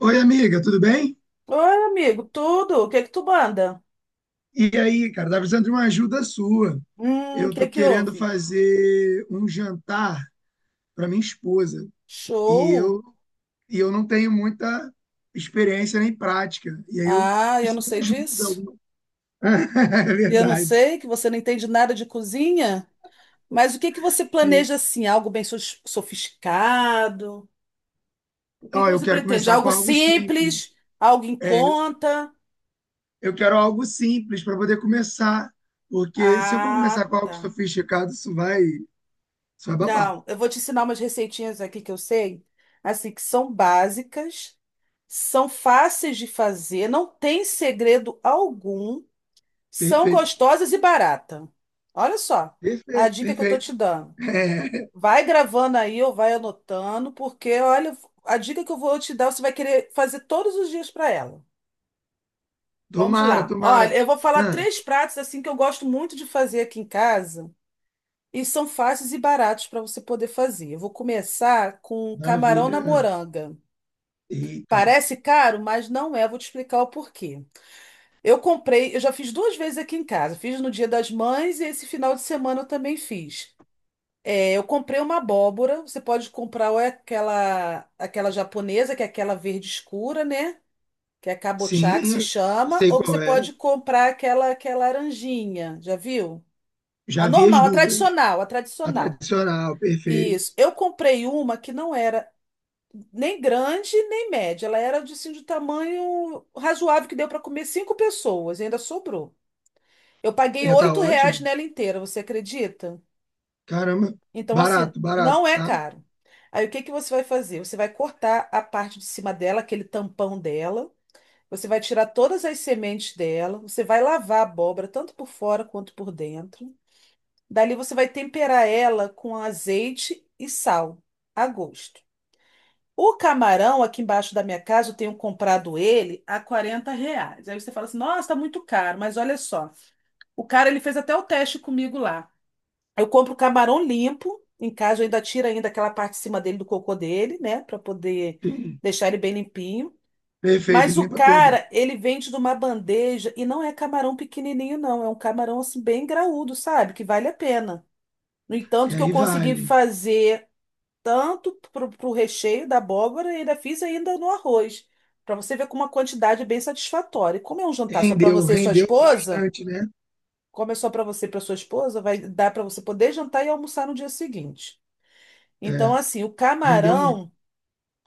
Oi, amiga, tudo bem? Oi, amigo, tudo? O que que tu manda? E aí, cara, tá precisando de uma ajuda sua. O Eu que tô que querendo houve? fazer um jantar para minha esposa e Show? eu e eu não tenho muita experiência nem prática. E aí eu Ah, eu não preciso de sei ajuda disso. alguma. É E eu não verdade. sei que você não entende nada de cozinha, mas o que que você Sim. planeja assim? Algo bem sofisticado? O que que Ó, eu você quero pretende? começar com Algo algo simples. simples? Algo em É, conta? eu quero algo simples para poder começar, porque se eu for Ah, começar com algo tá. sofisticado, isso vai babar. Não, eu vou te ensinar umas receitinhas aqui que eu sei, assim, que são básicas, são fáceis de fazer, não tem segredo algum. São Perfeito. gostosas e barata. Olha só a Perfeito, dica que eu tô te perfeito. dando. Vai gravando aí ou vai anotando, porque olha, a dica que eu vou te dar, você vai querer fazer todos os dias para ela. Vamos Tomara, lá. Olha, tomara. eu vou falar Ah, três pratos assim que eu gosto muito de fazer aqui em casa e são fáceis e baratos para você poder fazer. Eu vou começar com camarão maravilha. na Ah, moranga. eita. Parece caro, mas não é. Vou te explicar o porquê. Eu comprei, eu já fiz duas vezes aqui em casa. Fiz no Dia das Mães e esse final de semana eu também fiz. É, eu comprei uma abóbora. Você pode comprar ou é aquela japonesa, que é aquela verde escura, né? Que é kabocha, que Sim, se eu chama. sei Ou você qual é. pode comprar aquela que é laranjinha. Já viu? A Já vi as normal, a duas. tradicional, a A tradicional. tradicional, perfeito. Isso. Eu comprei uma que não era nem grande nem média. Ela era de, assim, de tamanho razoável que deu para comer cinco pessoas e ainda sobrou. Eu paguei É, tá R$ 8 ótimo. nela inteira, você acredita? Caramba, Então, assim, barato, não é tá? caro. Aí, o que que você vai fazer? Você vai cortar a parte de cima dela, aquele tampão dela. Você vai tirar todas as sementes dela. Você vai lavar a abóbora, tanto por fora quanto por dentro. Dali, você vai temperar ela com azeite e sal, a gosto. O camarão, aqui embaixo da minha casa, eu tenho comprado ele a R$ 40. Aí você fala assim, nossa, tá muito caro. Mas olha só, o cara, ele fez até o teste comigo lá. Eu compro camarão limpo, em casa eu ainda tiro ainda aquela parte de cima dele do cocô dele, né, para poder Sim. deixar ele bem limpinho. Perfeito, Mas o limpa todo. cara, ele vende de uma bandeja e não é camarão pequenininho não, é um camarão assim bem graúdo, sabe? Que vale a pena. No entanto, É, que eu aí consegui vale. fazer tanto pro recheio da abóbora e ainda fiz ainda no arroz, para você ver com uma quantidade é bem satisfatória. E como é um jantar só para Rendeu, você e sua rendeu esposa, bastante, né? como é só para você e para sua esposa, vai dar para você poder jantar e almoçar no dia seguinte. Então, É, assim, o rendeu muito. camarão,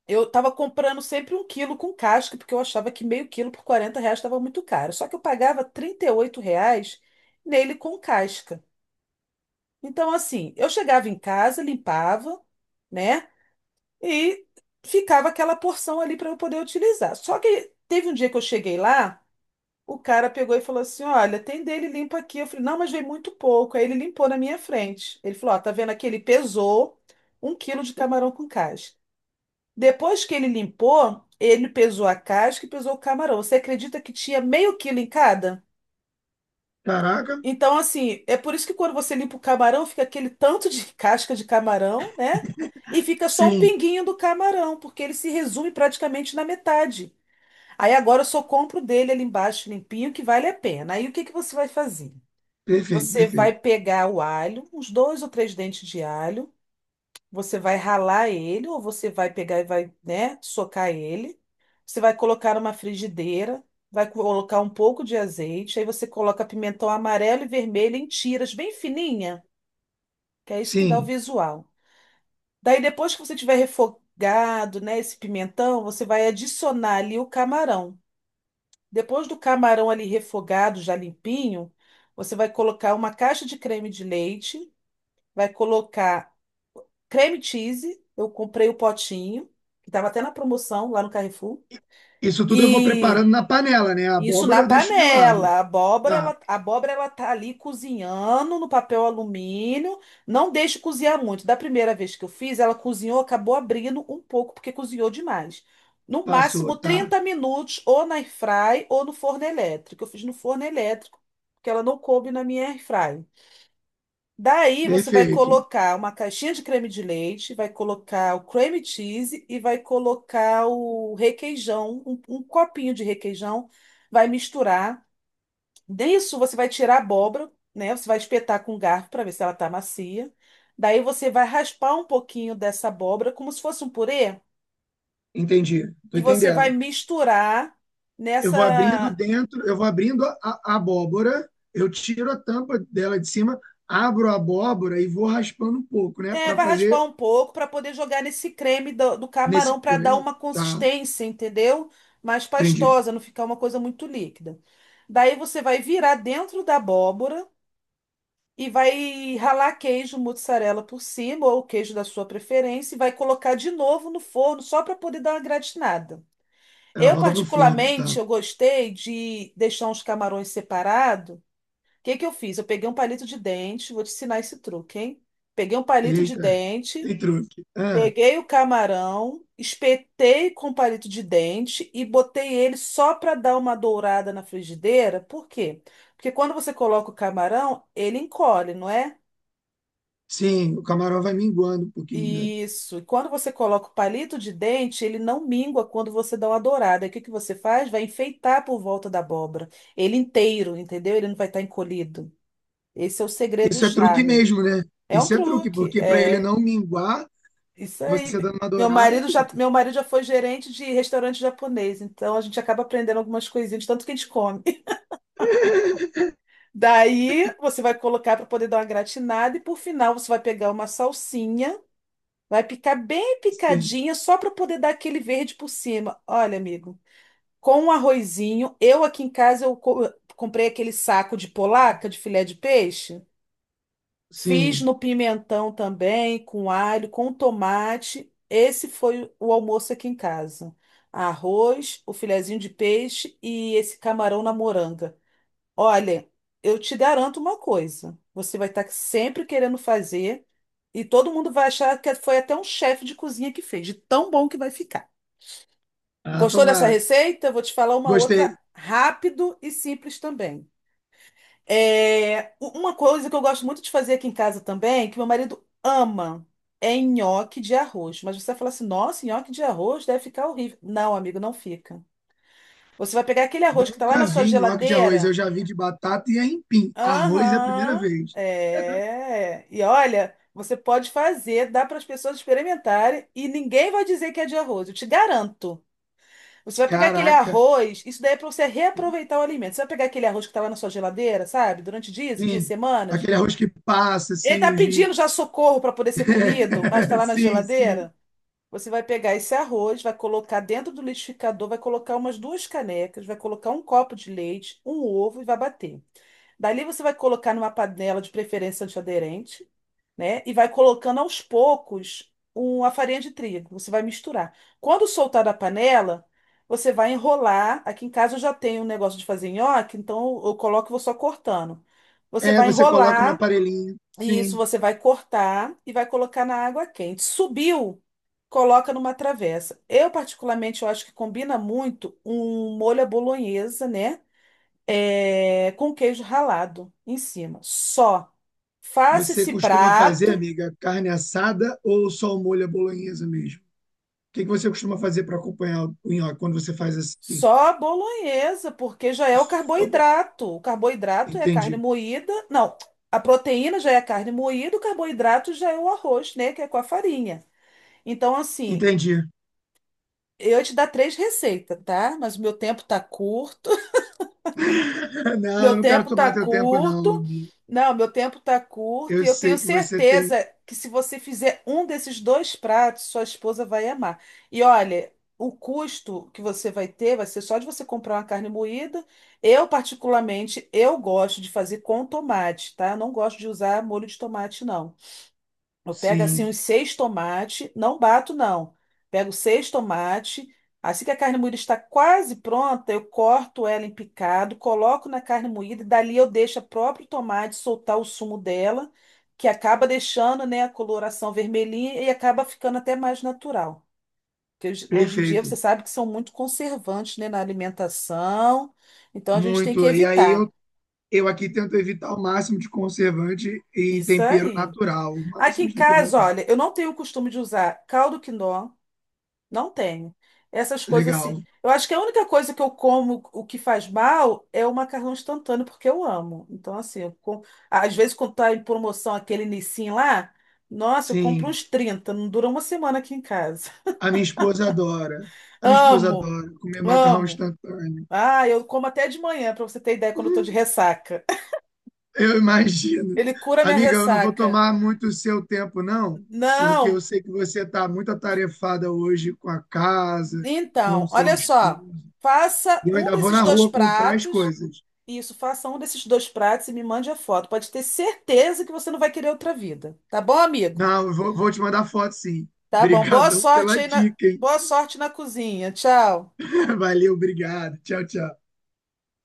eu tava comprando sempre um quilo com casca, porque eu achava que meio quilo por R$ 40 estava muito caro. Só que eu pagava R$ 38 nele com casca. Então, assim, eu chegava em casa, limpava, né? E ficava aquela porção ali para eu poder utilizar. Só que teve um dia que eu cheguei lá, o cara pegou e falou assim: Olha, tem dele limpo aqui. Eu falei: Não, mas veio muito pouco. Aí ele limpou na minha frente. Ele falou: Ó, tá vendo aqui? Ele pesou um quilo de camarão com casca. Depois que ele limpou, ele pesou a casca e pesou o camarão. Você acredita que tinha meio quilo em cada? Caraca, Então, assim, é por isso que quando você limpa o camarão, fica aquele tanto de casca de camarão, né? E fica só um sim, pinguinho do camarão, porque ele se resume praticamente na metade. Aí agora eu só compro dele ali embaixo, limpinho, que vale a pena. Aí o que que você vai fazer? perfeito, Você vai perfeito. pegar o alho, uns dois ou três dentes de alho. Você vai ralar ele, ou você vai pegar e vai, né, socar ele. Você vai colocar numa frigideira, vai colocar um pouco de azeite, aí você coloca pimentão amarelo e vermelho em tiras bem fininha, que é isso que dá o Sim, visual. Daí depois que você tiver refogado, né, esse pimentão, você vai adicionar ali o camarão. Depois do camarão ali refogado, já limpinho, você vai colocar uma caixa de creme de leite, vai colocar creme cheese, eu comprei o potinho, que estava até na promoção lá no Carrefour. isso tudo eu vou E preparando na panela, né? A isso na abóbora eu deixo de lado. panela. Tá, A abóbora, ela tá ali cozinhando no papel alumínio. Não deixe cozinhar muito. Da primeira vez que eu fiz, ela cozinhou, acabou abrindo um pouco, porque cozinhou demais. No passou, máximo tá. 30 minutos, ou na airfry ou no forno elétrico. Eu fiz no forno elétrico, porque ela não coube na minha airfry. Daí você vai Perfeito. colocar uma caixinha de creme de leite, vai colocar o cream cheese e vai colocar o requeijão, um copinho de requeijão, vai misturar. Disso você vai tirar a abóbora, né? Você vai espetar com um garfo para ver se ela tá macia. Daí você vai raspar um pouquinho dessa abóbora como se fosse um purê Entendi, tô e você vai entendendo. misturar Eu vou abrindo nessa. dentro, eu vou abrindo a abóbora, eu tiro a tampa dela de cima, abro a abóbora e vou raspando um pouco, né? É, Para vai fazer raspar um pouco para poder jogar nesse creme do nesse. camarão para dar cre- uma Tá, consistência, entendeu? Mais entendi. pastosa, não ficar uma coisa muito líquida. Daí você vai virar dentro da abóbora e vai ralar queijo mozzarella por cima, ou queijo da sua preferência, e vai colocar de novo no forno só para poder dar uma gratinada. Ela Eu, volta pro forno, tá? particularmente, eu gostei de deixar uns camarões separados. O que que eu fiz? Eu peguei um palito de dente, vou te ensinar esse truque, hein? Peguei um palito de Eita, dente. tem truque. Ah, Peguei o camarão, espetei com palito de dente e botei ele só para dar uma dourada na frigideira. Por quê? Porque quando você coloca o camarão, ele encolhe, não é? sim, o camarão vai minguando um pouquinho, né? Isso. E quando você coloca o palito de dente, ele não mingua quando você dá uma dourada. E o que que você faz? Vai enfeitar por volta da abóbora. Ele inteiro, entendeu? Ele não vai estar encolhido. Esse é o segredo e o Isso é truque charme. mesmo, né? É um Isso é truque, truque, porque para ele é. não minguar, Isso você aí. dando uma Meu dourada é marido já, truque. meu marido já foi gerente de restaurante japonês, então a gente acaba aprendendo algumas coisinhas, de tanto que a gente come. Daí você vai colocar para poder dar uma gratinada e por final você vai pegar uma salsinha, vai picar bem Sim, picadinha só para poder dar aquele verde por cima. Olha, amigo, com um arrozinho, eu aqui em casa eu comprei aquele saco de polaca, de filé de peixe. Fiz sim. no pimentão também, com alho, com tomate. Esse foi o almoço aqui em casa. Arroz, o filezinho de peixe e esse camarão na moranga. Olha, eu te garanto uma coisa: você vai estar sempre querendo fazer e todo mundo vai achar que foi até um chefe de cozinha que fez, de tão bom que vai ficar. Ah, Gostou dessa tomara. receita? Eu vou te falar uma outra Gostei. rápido e simples também. É, uma coisa que eu gosto muito de fazer aqui em casa também, que meu marido ama, é nhoque de arroz. Mas você vai falar assim, nossa, nhoque de arroz deve ficar horrível. Não, amigo, não fica. Você vai pegar aquele arroz que tá lá Nunca na sua vi nhoque de arroz, eu geladeira. já vi de batata e aipim. Arroz é a primeira Aham, vez. é. E olha, você pode fazer, dá para as pessoas experimentarem e ninguém vai dizer que é de arroz, eu te garanto. Você vai pegar aquele Caraca, arroz, isso daí é para você reaproveitar o alimento. Você vai pegar aquele arroz que estava na sua geladeira, sabe? Durante dias, e dias, sim. semanas. Aquele arroz que passa, Ele assim, tá os pedindo giros. já socorro para poder ser comido, mas tá lá na Sim. geladeira. Você vai pegar esse arroz, vai colocar dentro do liquidificador, vai colocar umas duas canecas, vai colocar um copo de leite, um ovo e vai bater. Dali você vai colocar numa panela de preferência antiaderente, né? E vai colocando aos poucos a farinha de trigo. Você vai misturar. Quando soltar da panela, você vai enrolar. Aqui em casa eu já tenho um negócio de fazer nhoque, então eu coloco e vou só cortando. Você É, vai você coloca no enrolar aparelhinho. e isso Sim. você vai cortar e vai colocar na água quente. Subiu, coloca numa travessa. Eu, particularmente, eu acho que combina muito um molho à bolonhesa, né? É, com queijo ralado em cima. Só. Faça Você esse costuma fazer, prato amiga, carne assada ou só o molho à bolonhesa mesmo? O que que você costuma fazer para acompanhar o nhoque quando você faz assim? só a bolonhesa, porque já é o Só pra- carboidrato. O carboidrato é a carne Entendi. moída. Não, a proteína já é a carne moída, o carboidrato já é o arroz, né? Que é com a farinha. Então, assim. Entendi. Eu ia te dar três receitas, tá? Mas o meu tempo tá curto. Não, Meu eu não quero tempo tá tomar teu tempo, não. curto. Amigo, Não, meu tempo tá curto. eu E eu tenho sei que você tem. certeza que se você fizer um desses dois pratos, sua esposa vai amar. E olha, o custo que você vai ter vai ser só de você comprar uma carne moída. Eu, particularmente, eu gosto de fazer com tomate, tá? Eu não gosto de usar molho de tomate, não. Eu pego assim uns Sim. seis tomates, não bato não. Pego seis tomates, assim que a carne moída está quase pronta, eu corto ela em picado, coloco na carne moída e dali eu deixo o próprio tomate soltar o sumo dela, que acaba deixando, né, a coloração vermelhinha e acaba ficando até mais natural. Porque hoje em dia Perfeito, você sabe que são muito conservantes, né, na alimentação, então a gente tem que muito. Evitar. Eu aqui tento evitar o máximo de conservante e Isso tempero aí. natural, o Aqui máximo em de tempero casa, natural. olha, eu não tenho o costume de usar caldo quinó. Não tenho. Essas coisas assim. Legal, Eu acho que a única coisa que eu como o que faz mal é o macarrão instantâneo, porque eu amo. Então, assim, eu com... às vezes quando tá em promoção aquele Nissin lá, nossa, eu compro sim. uns 30. Não dura uma semana aqui em casa. A minha esposa adora, a minha esposa Amo, adora comer macarrão amo. instantâneo. Ah, eu como até de manhã, pra você ter ideia, quando eu tô de ressaca. Eu imagino. Ele cura minha Amiga, eu não vou ressaca. tomar muito o seu tempo, não, porque eu Não, sei que você está muito atarefada hoje com a casa, com então, o seu olha só. esposo. Faça E eu um ainda vou desses na dois rua comprar as pratos. coisas. Isso, faça um desses dois pratos e me mande a foto. Pode ter certeza que você não vai querer outra vida. Tá bom, amigo? Não, vou te mandar foto, sim. Tá bom. Boa Obrigadão pela sorte aí na... dica, hein? Boa sorte na cozinha. Tchau. Valeu, obrigado. Tchau, tchau.